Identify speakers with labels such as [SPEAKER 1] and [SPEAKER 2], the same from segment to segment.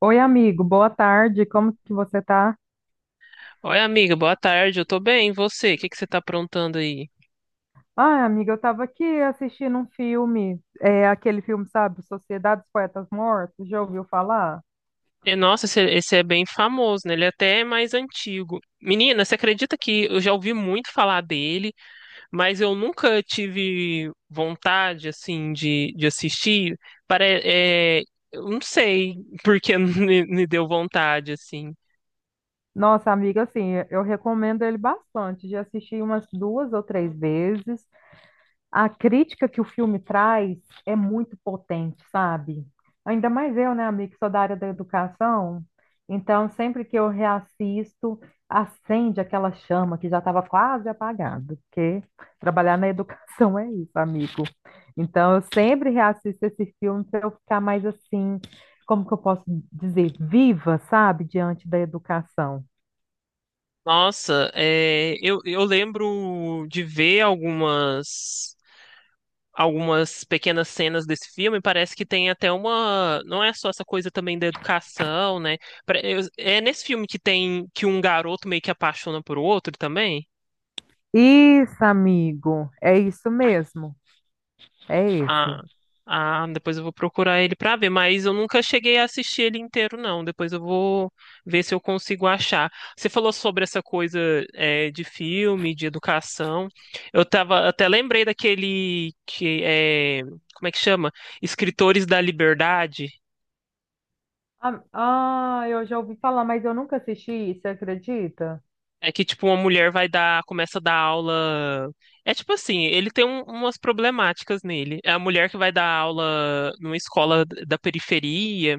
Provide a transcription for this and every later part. [SPEAKER 1] Oi, amigo, boa tarde, como que você tá?
[SPEAKER 2] Oi, amiga, boa tarde. Eu tô bem, e você? O que que você tá aprontando aí?
[SPEAKER 1] Ah, amiga, eu tava aqui assistindo um filme, é aquele filme, sabe, Sociedade dos Poetas Mortos, já ouviu falar?
[SPEAKER 2] Nossa, esse é bem famoso, né? Ele é até mais antigo. Menina, você acredita que eu já ouvi muito falar dele, mas eu nunca tive vontade, assim, de assistir? Para, é, eu não sei por que me deu vontade, assim.
[SPEAKER 1] Nossa, amiga, assim, eu recomendo ele bastante, já assisti umas duas ou três vezes, a crítica que o filme traz é muito potente, sabe? Ainda mais eu, né, amigo, que sou da área da educação. Então, sempre que eu reassisto, acende aquela chama que já estava quase apagada, porque trabalhar na educação é isso, amigo. Então, eu sempre reassisto esse filme para eu ficar mais assim, como que eu posso dizer, viva, sabe, diante da educação.
[SPEAKER 2] Nossa, eu lembro de ver algumas pequenas cenas desse filme, parece que tem até uma. Não é só essa coisa também da educação, né? É nesse filme que tem que um garoto meio que apaixona por outro também.
[SPEAKER 1] Isso, amigo, é isso mesmo, é esse.
[SPEAKER 2] Ah, ah, depois eu vou procurar ele pra ver, mas eu nunca cheguei a assistir ele inteiro, não. Depois eu vou ver se eu consigo achar. Você falou sobre essa coisa, é, de filme, de educação. Eu tava, até lembrei daquele que é, como é que chama? Escritores da Liberdade.
[SPEAKER 1] Ah, eu já ouvi falar, mas eu nunca assisti, você acredita?
[SPEAKER 2] É que, tipo, uma mulher vai dar, começa a dar aula. É tipo assim, ele tem umas problemáticas nele. É a mulher que vai dar aula numa escola da periferia,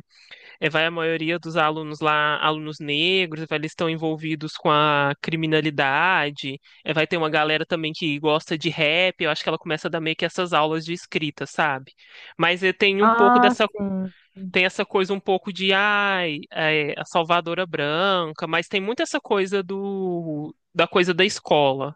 [SPEAKER 2] é, vai a maioria dos alunos lá, alunos negros, vai, eles estão envolvidos com a criminalidade. É, vai ter uma galera também que gosta de rap, eu acho que ela começa a dar meio que essas aulas de escrita, sabe? Mas é, tem um pouco
[SPEAKER 1] Ah,
[SPEAKER 2] dessa,
[SPEAKER 1] sim.
[SPEAKER 2] tem essa coisa um pouco de ai, é, a salvadora branca, mas tem muito essa coisa do da coisa da escola.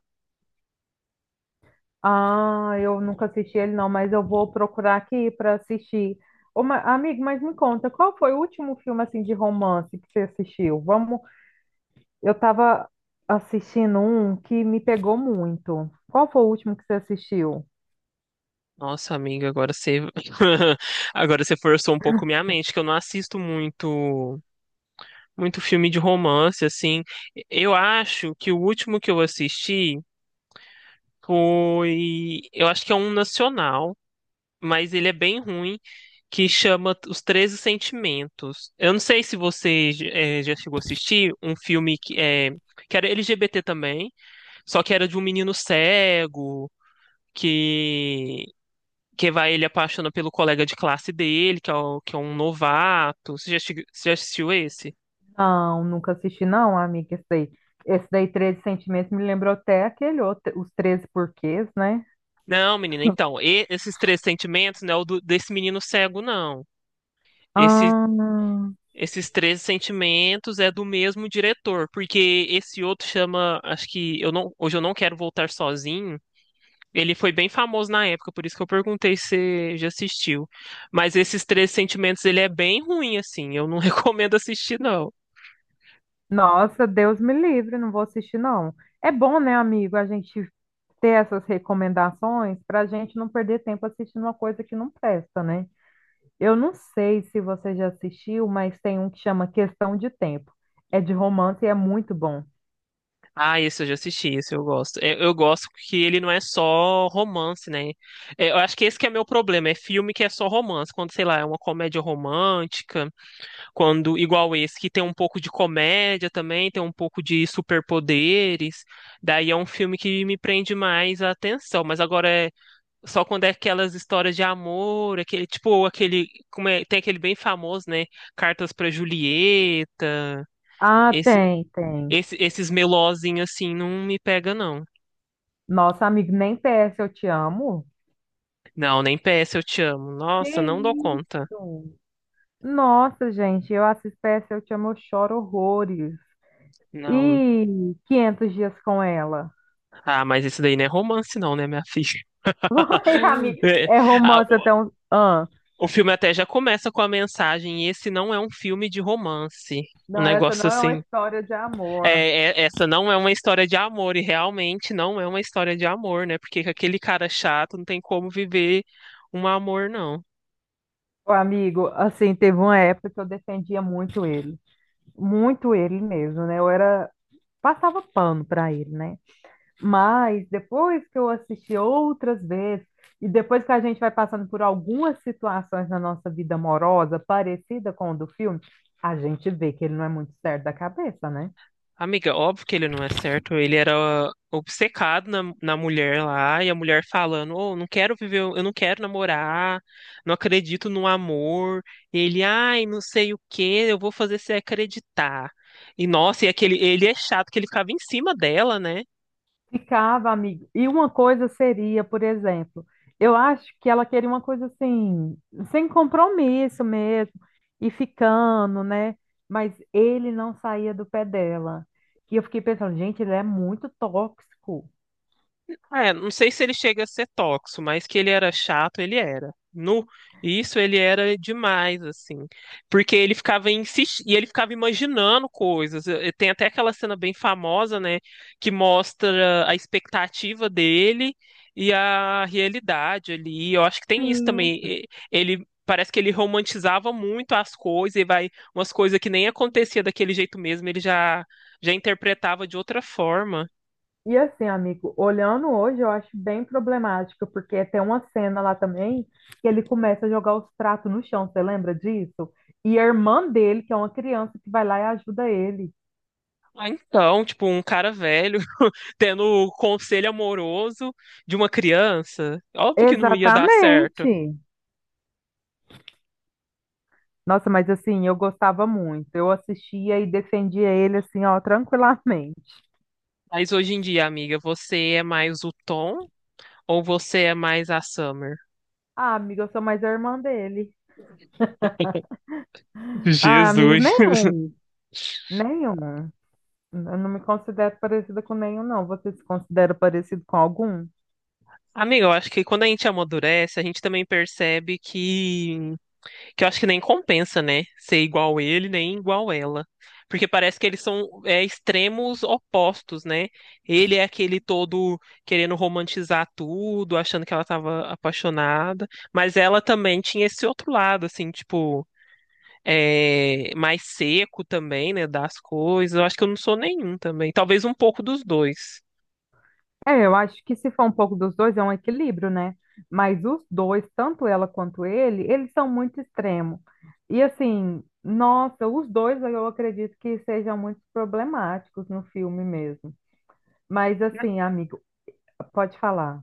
[SPEAKER 1] Ah, eu nunca assisti ele não, mas eu vou procurar aqui para assistir. Ô, amigo, mas me conta, qual foi o último filme assim de romance que você assistiu? Vamos, eu estava assistindo um que me pegou muito. Qual foi o último que você assistiu?
[SPEAKER 2] Nossa, amiga, agora você agora você forçou um pouco minha mente, que eu não assisto muito filme de romance assim. Eu acho que o último que eu assisti foi, eu acho que é um nacional, mas ele é bem ruim, que chama Os 13 Sentimentos. Eu não sei se você já chegou a assistir um filme que, é, que era LGBT também, só que era de um menino cego que, que vai ele apaixona pelo colega de classe dele, que é, que é um novato. Você já assistiu esse?
[SPEAKER 1] Não, nunca assisti não, amiga, esse daí. Esse daí, 13 Sentimentos, me lembrou até aquele outro, Os Treze Porquês, né?
[SPEAKER 2] Não, menina, então, esses três sentimentos não é o do- desse menino cego, não. Esse,
[SPEAKER 1] Ah,
[SPEAKER 2] esses três sentimentos é do mesmo diretor, porque esse outro chama, acho que eu não, hoje eu não quero voltar sozinho. Ele foi bem famoso na época, por isso que eu perguntei se você já assistiu. Mas esses três sentimentos, ele é bem ruim assim. Eu não recomendo assistir não.
[SPEAKER 1] nossa, Deus me livre, não vou assistir, não. É bom, né, amigo, a gente ter essas recomendações para a gente não perder tempo assistindo uma coisa que não presta, né? Eu não sei se você já assistiu, mas tem um que chama Questão de Tempo. É de romance e é muito bom.
[SPEAKER 2] Ah, esse eu já assisti, esse eu gosto. É, eu gosto que ele não é só romance, né? É, eu acho que esse que é meu problema, é filme que é só romance, quando sei lá, é uma comédia romântica. Quando, igual esse, que tem um pouco de comédia também, tem um pouco de superpoderes. Daí é um filme que me prende mais a atenção. Mas agora é só quando é aquelas histórias de amor, aquele, tipo, aquele, como é, tem aquele bem famoso, né? Cartas pra Julieta.
[SPEAKER 1] Ah,
[SPEAKER 2] Esse,
[SPEAKER 1] tem, tem.
[SPEAKER 2] esse, esses melozinhos assim não me pega, não.
[SPEAKER 1] Nossa, amigo, nem PS Eu Te Amo.
[SPEAKER 2] Não, nem PS eu te amo.
[SPEAKER 1] Que
[SPEAKER 2] Nossa, não dou conta.
[SPEAKER 1] isso? Nossa, gente, eu assisto PS Eu Te Amo, eu choro horrores.
[SPEAKER 2] Não.
[SPEAKER 1] E 500 dias com ela.
[SPEAKER 2] Ah, mas esse daí não é romance, não, né, minha filha?
[SPEAKER 1] Vai, amigo.
[SPEAKER 2] É,
[SPEAKER 1] É
[SPEAKER 2] ah,
[SPEAKER 1] romance até um. Ah,
[SPEAKER 2] o filme até já começa com a mensagem: esse não é um filme de romance. Um
[SPEAKER 1] não, essa
[SPEAKER 2] negócio
[SPEAKER 1] não é uma
[SPEAKER 2] assim.
[SPEAKER 1] história de
[SPEAKER 2] É,
[SPEAKER 1] amor.
[SPEAKER 2] essa não é uma história de amor, e realmente não é uma história de amor, né? Porque com aquele cara chato não tem como viver um amor, não.
[SPEAKER 1] Ô, amigo, assim, teve uma época que eu defendia muito ele. Muito ele mesmo, né? Eu era. Passava pano pra ele, né? Mas depois que eu assisti outras vezes, e depois que a gente vai passando por algumas situações na nossa vida amorosa, parecida com o do filme, a gente vê que ele não é muito certo da cabeça, né?
[SPEAKER 2] Amiga, óbvio que ele não é certo. Ele era obcecado na mulher lá, e a mulher falando: Oh, não quero viver, eu não quero namorar, não acredito no amor. E ele, ai, não sei o que, eu vou fazer você acreditar. E nossa, e aquele, ele é chato que ele ficava em cima dela, né?
[SPEAKER 1] Ficava, amigo. E uma coisa seria, por exemplo, eu acho que ela queria uma coisa assim, sem compromisso mesmo, e ficando, né? Mas ele não saía do pé dela. E eu fiquei pensando, gente, ele é muito tóxico.
[SPEAKER 2] É, não sei se ele chega a ser tóxico, mas que ele era chato, ele era. No, isso ele era demais, assim. Porque ele ficava insistindo, e ele ficava imaginando coisas. Tem até aquela cena bem famosa, né, que mostra a expectativa dele e a realidade ali. Eu acho que tem isso também.
[SPEAKER 1] Sim.
[SPEAKER 2] Ele parece que ele romantizava muito as coisas e vai umas coisas que nem acontecia daquele jeito mesmo, ele já interpretava de outra forma.
[SPEAKER 1] E assim, amigo, olhando hoje, eu acho bem problemático, porque tem uma cena lá também que ele começa a jogar os pratos no chão, você lembra disso? E a irmã dele, que é uma criança, que vai lá e ajuda ele.
[SPEAKER 2] Ah, então, tipo, um cara velho tendo o conselho amoroso de uma criança. Óbvio que não ia dar certo.
[SPEAKER 1] Exatamente. Nossa, mas assim, eu gostava muito. Eu assistia e defendia ele assim, ó, tranquilamente.
[SPEAKER 2] Mas hoje em dia, amiga, você é mais o Tom ou você é mais a Summer?
[SPEAKER 1] Ah, amiga, eu sou mais a irmã dele. Ah, amigo,
[SPEAKER 2] Jesus.
[SPEAKER 1] nenhum. Nenhum. Eu não me considero parecida com nenhum, não. Você se considera parecido com algum?
[SPEAKER 2] Amiga, eu acho que quando a gente amadurece, a gente também percebe que eu acho que nem compensa, né? Ser igual ele, nem igual ela. Porque parece que eles são é, extremos opostos, né? Ele é aquele todo querendo romantizar tudo, achando que ela estava apaixonada, mas ela também tinha esse outro lado, assim, tipo, é, mais seco também, né? Das coisas. Eu acho que eu não sou nenhum também. Talvez um pouco dos dois.
[SPEAKER 1] É, eu acho que se for um pouco dos dois, é um equilíbrio, né? Mas os dois, tanto ela quanto ele, eles são muito extremos. E assim, nossa, os dois eu acredito que sejam muito problemáticos no filme mesmo. Mas assim, amigo, pode falar.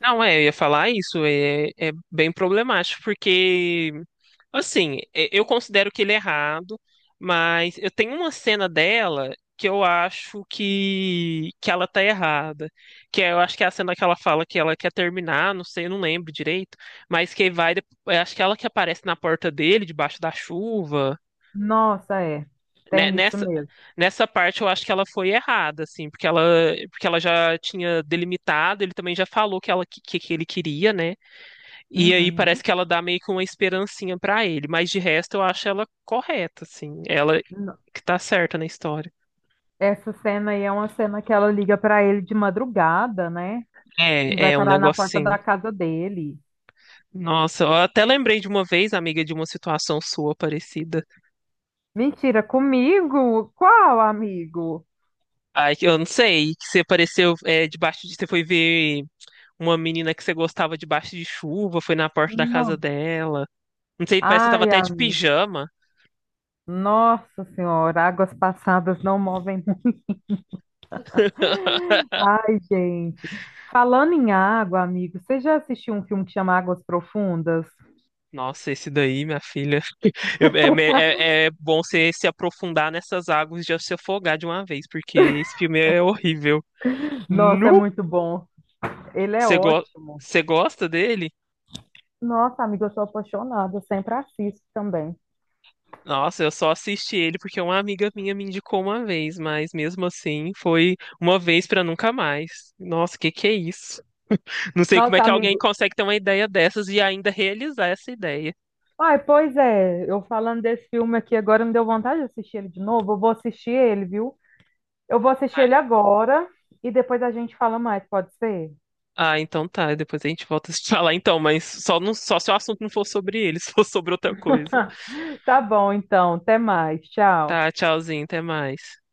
[SPEAKER 2] Não, é, eu ia falar isso, é, é bem problemático, porque, assim, eu considero que ele é errado, mas eu tenho uma cena dela que eu acho que ela tá errada, que é, eu acho que é a cena que ela fala que ela quer terminar, não sei, eu não lembro direito, mas que vai, eu acho que ela que aparece na porta dele, debaixo da chuva,
[SPEAKER 1] Nossa, é.
[SPEAKER 2] né,
[SPEAKER 1] Tem isso
[SPEAKER 2] nessa,
[SPEAKER 1] mesmo.
[SPEAKER 2] nessa parte eu acho que ela foi errada, assim, porque ela já tinha delimitado, ele também já falou que ela, que ele queria, né? E aí parece
[SPEAKER 1] Uhum.
[SPEAKER 2] que ela dá meio que uma esperancinha pra ele, mas de resto eu acho ela correta, assim. Ela
[SPEAKER 1] No-
[SPEAKER 2] que tá certa na história.
[SPEAKER 1] Essa cena aí é uma cena que ela liga pra ele de madrugada, né? E
[SPEAKER 2] É,
[SPEAKER 1] vai
[SPEAKER 2] é um
[SPEAKER 1] parar na
[SPEAKER 2] negócio
[SPEAKER 1] porta
[SPEAKER 2] assim.
[SPEAKER 1] da casa dele.
[SPEAKER 2] Nossa, eu até lembrei de uma vez, amiga, de uma situação sua parecida.
[SPEAKER 1] Mentira, comigo? Qual amigo?
[SPEAKER 2] Ai, que eu não sei, que você apareceu é, debaixo de. Você foi ver uma menina que você gostava debaixo de chuva, foi na porta da casa
[SPEAKER 1] Não.
[SPEAKER 2] dela. Não sei, parece que você tava
[SPEAKER 1] Ai,
[SPEAKER 2] até
[SPEAKER 1] a-
[SPEAKER 2] de pijama.
[SPEAKER 1] nossa senhora, águas passadas não movem. Ai, gente. Falando em água, amigo, você já assistiu um filme que chama Águas Profundas?
[SPEAKER 2] Nossa, esse daí, minha filha. É bom você se aprofundar nessas águas e já se afogar de uma vez, porque esse filme é horrível.
[SPEAKER 1] Nossa, é
[SPEAKER 2] Nu!
[SPEAKER 1] muito bom. Ele é
[SPEAKER 2] Você go-
[SPEAKER 1] ótimo.
[SPEAKER 2] Você gosta dele?
[SPEAKER 1] Nossa, amigo, eu sou apaixonada, eu sempre assisto também.
[SPEAKER 2] Nossa, eu só assisti ele porque uma amiga minha me indicou uma vez, mas mesmo assim foi uma vez pra nunca mais. Nossa, que é isso? Não sei como é
[SPEAKER 1] Nossa,
[SPEAKER 2] que alguém
[SPEAKER 1] amigo,
[SPEAKER 2] consegue ter uma ideia dessas e ainda realizar essa ideia.
[SPEAKER 1] ai, pois é, eu falando desse filme aqui agora, me deu vontade de assistir ele de novo. Eu vou assistir ele, viu? Eu vou assistir ele
[SPEAKER 2] Ah,
[SPEAKER 1] agora e depois a gente fala mais, pode ser?
[SPEAKER 2] ah, então tá, depois a gente volta a se falar então, mas só, não, só se o assunto não for sobre ele, se for sobre outra coisa.
[SPEAKER 1] Tá bom, então, até mais, tchau.
[SPEAKER 2] Tá, tchauzinho, até mais.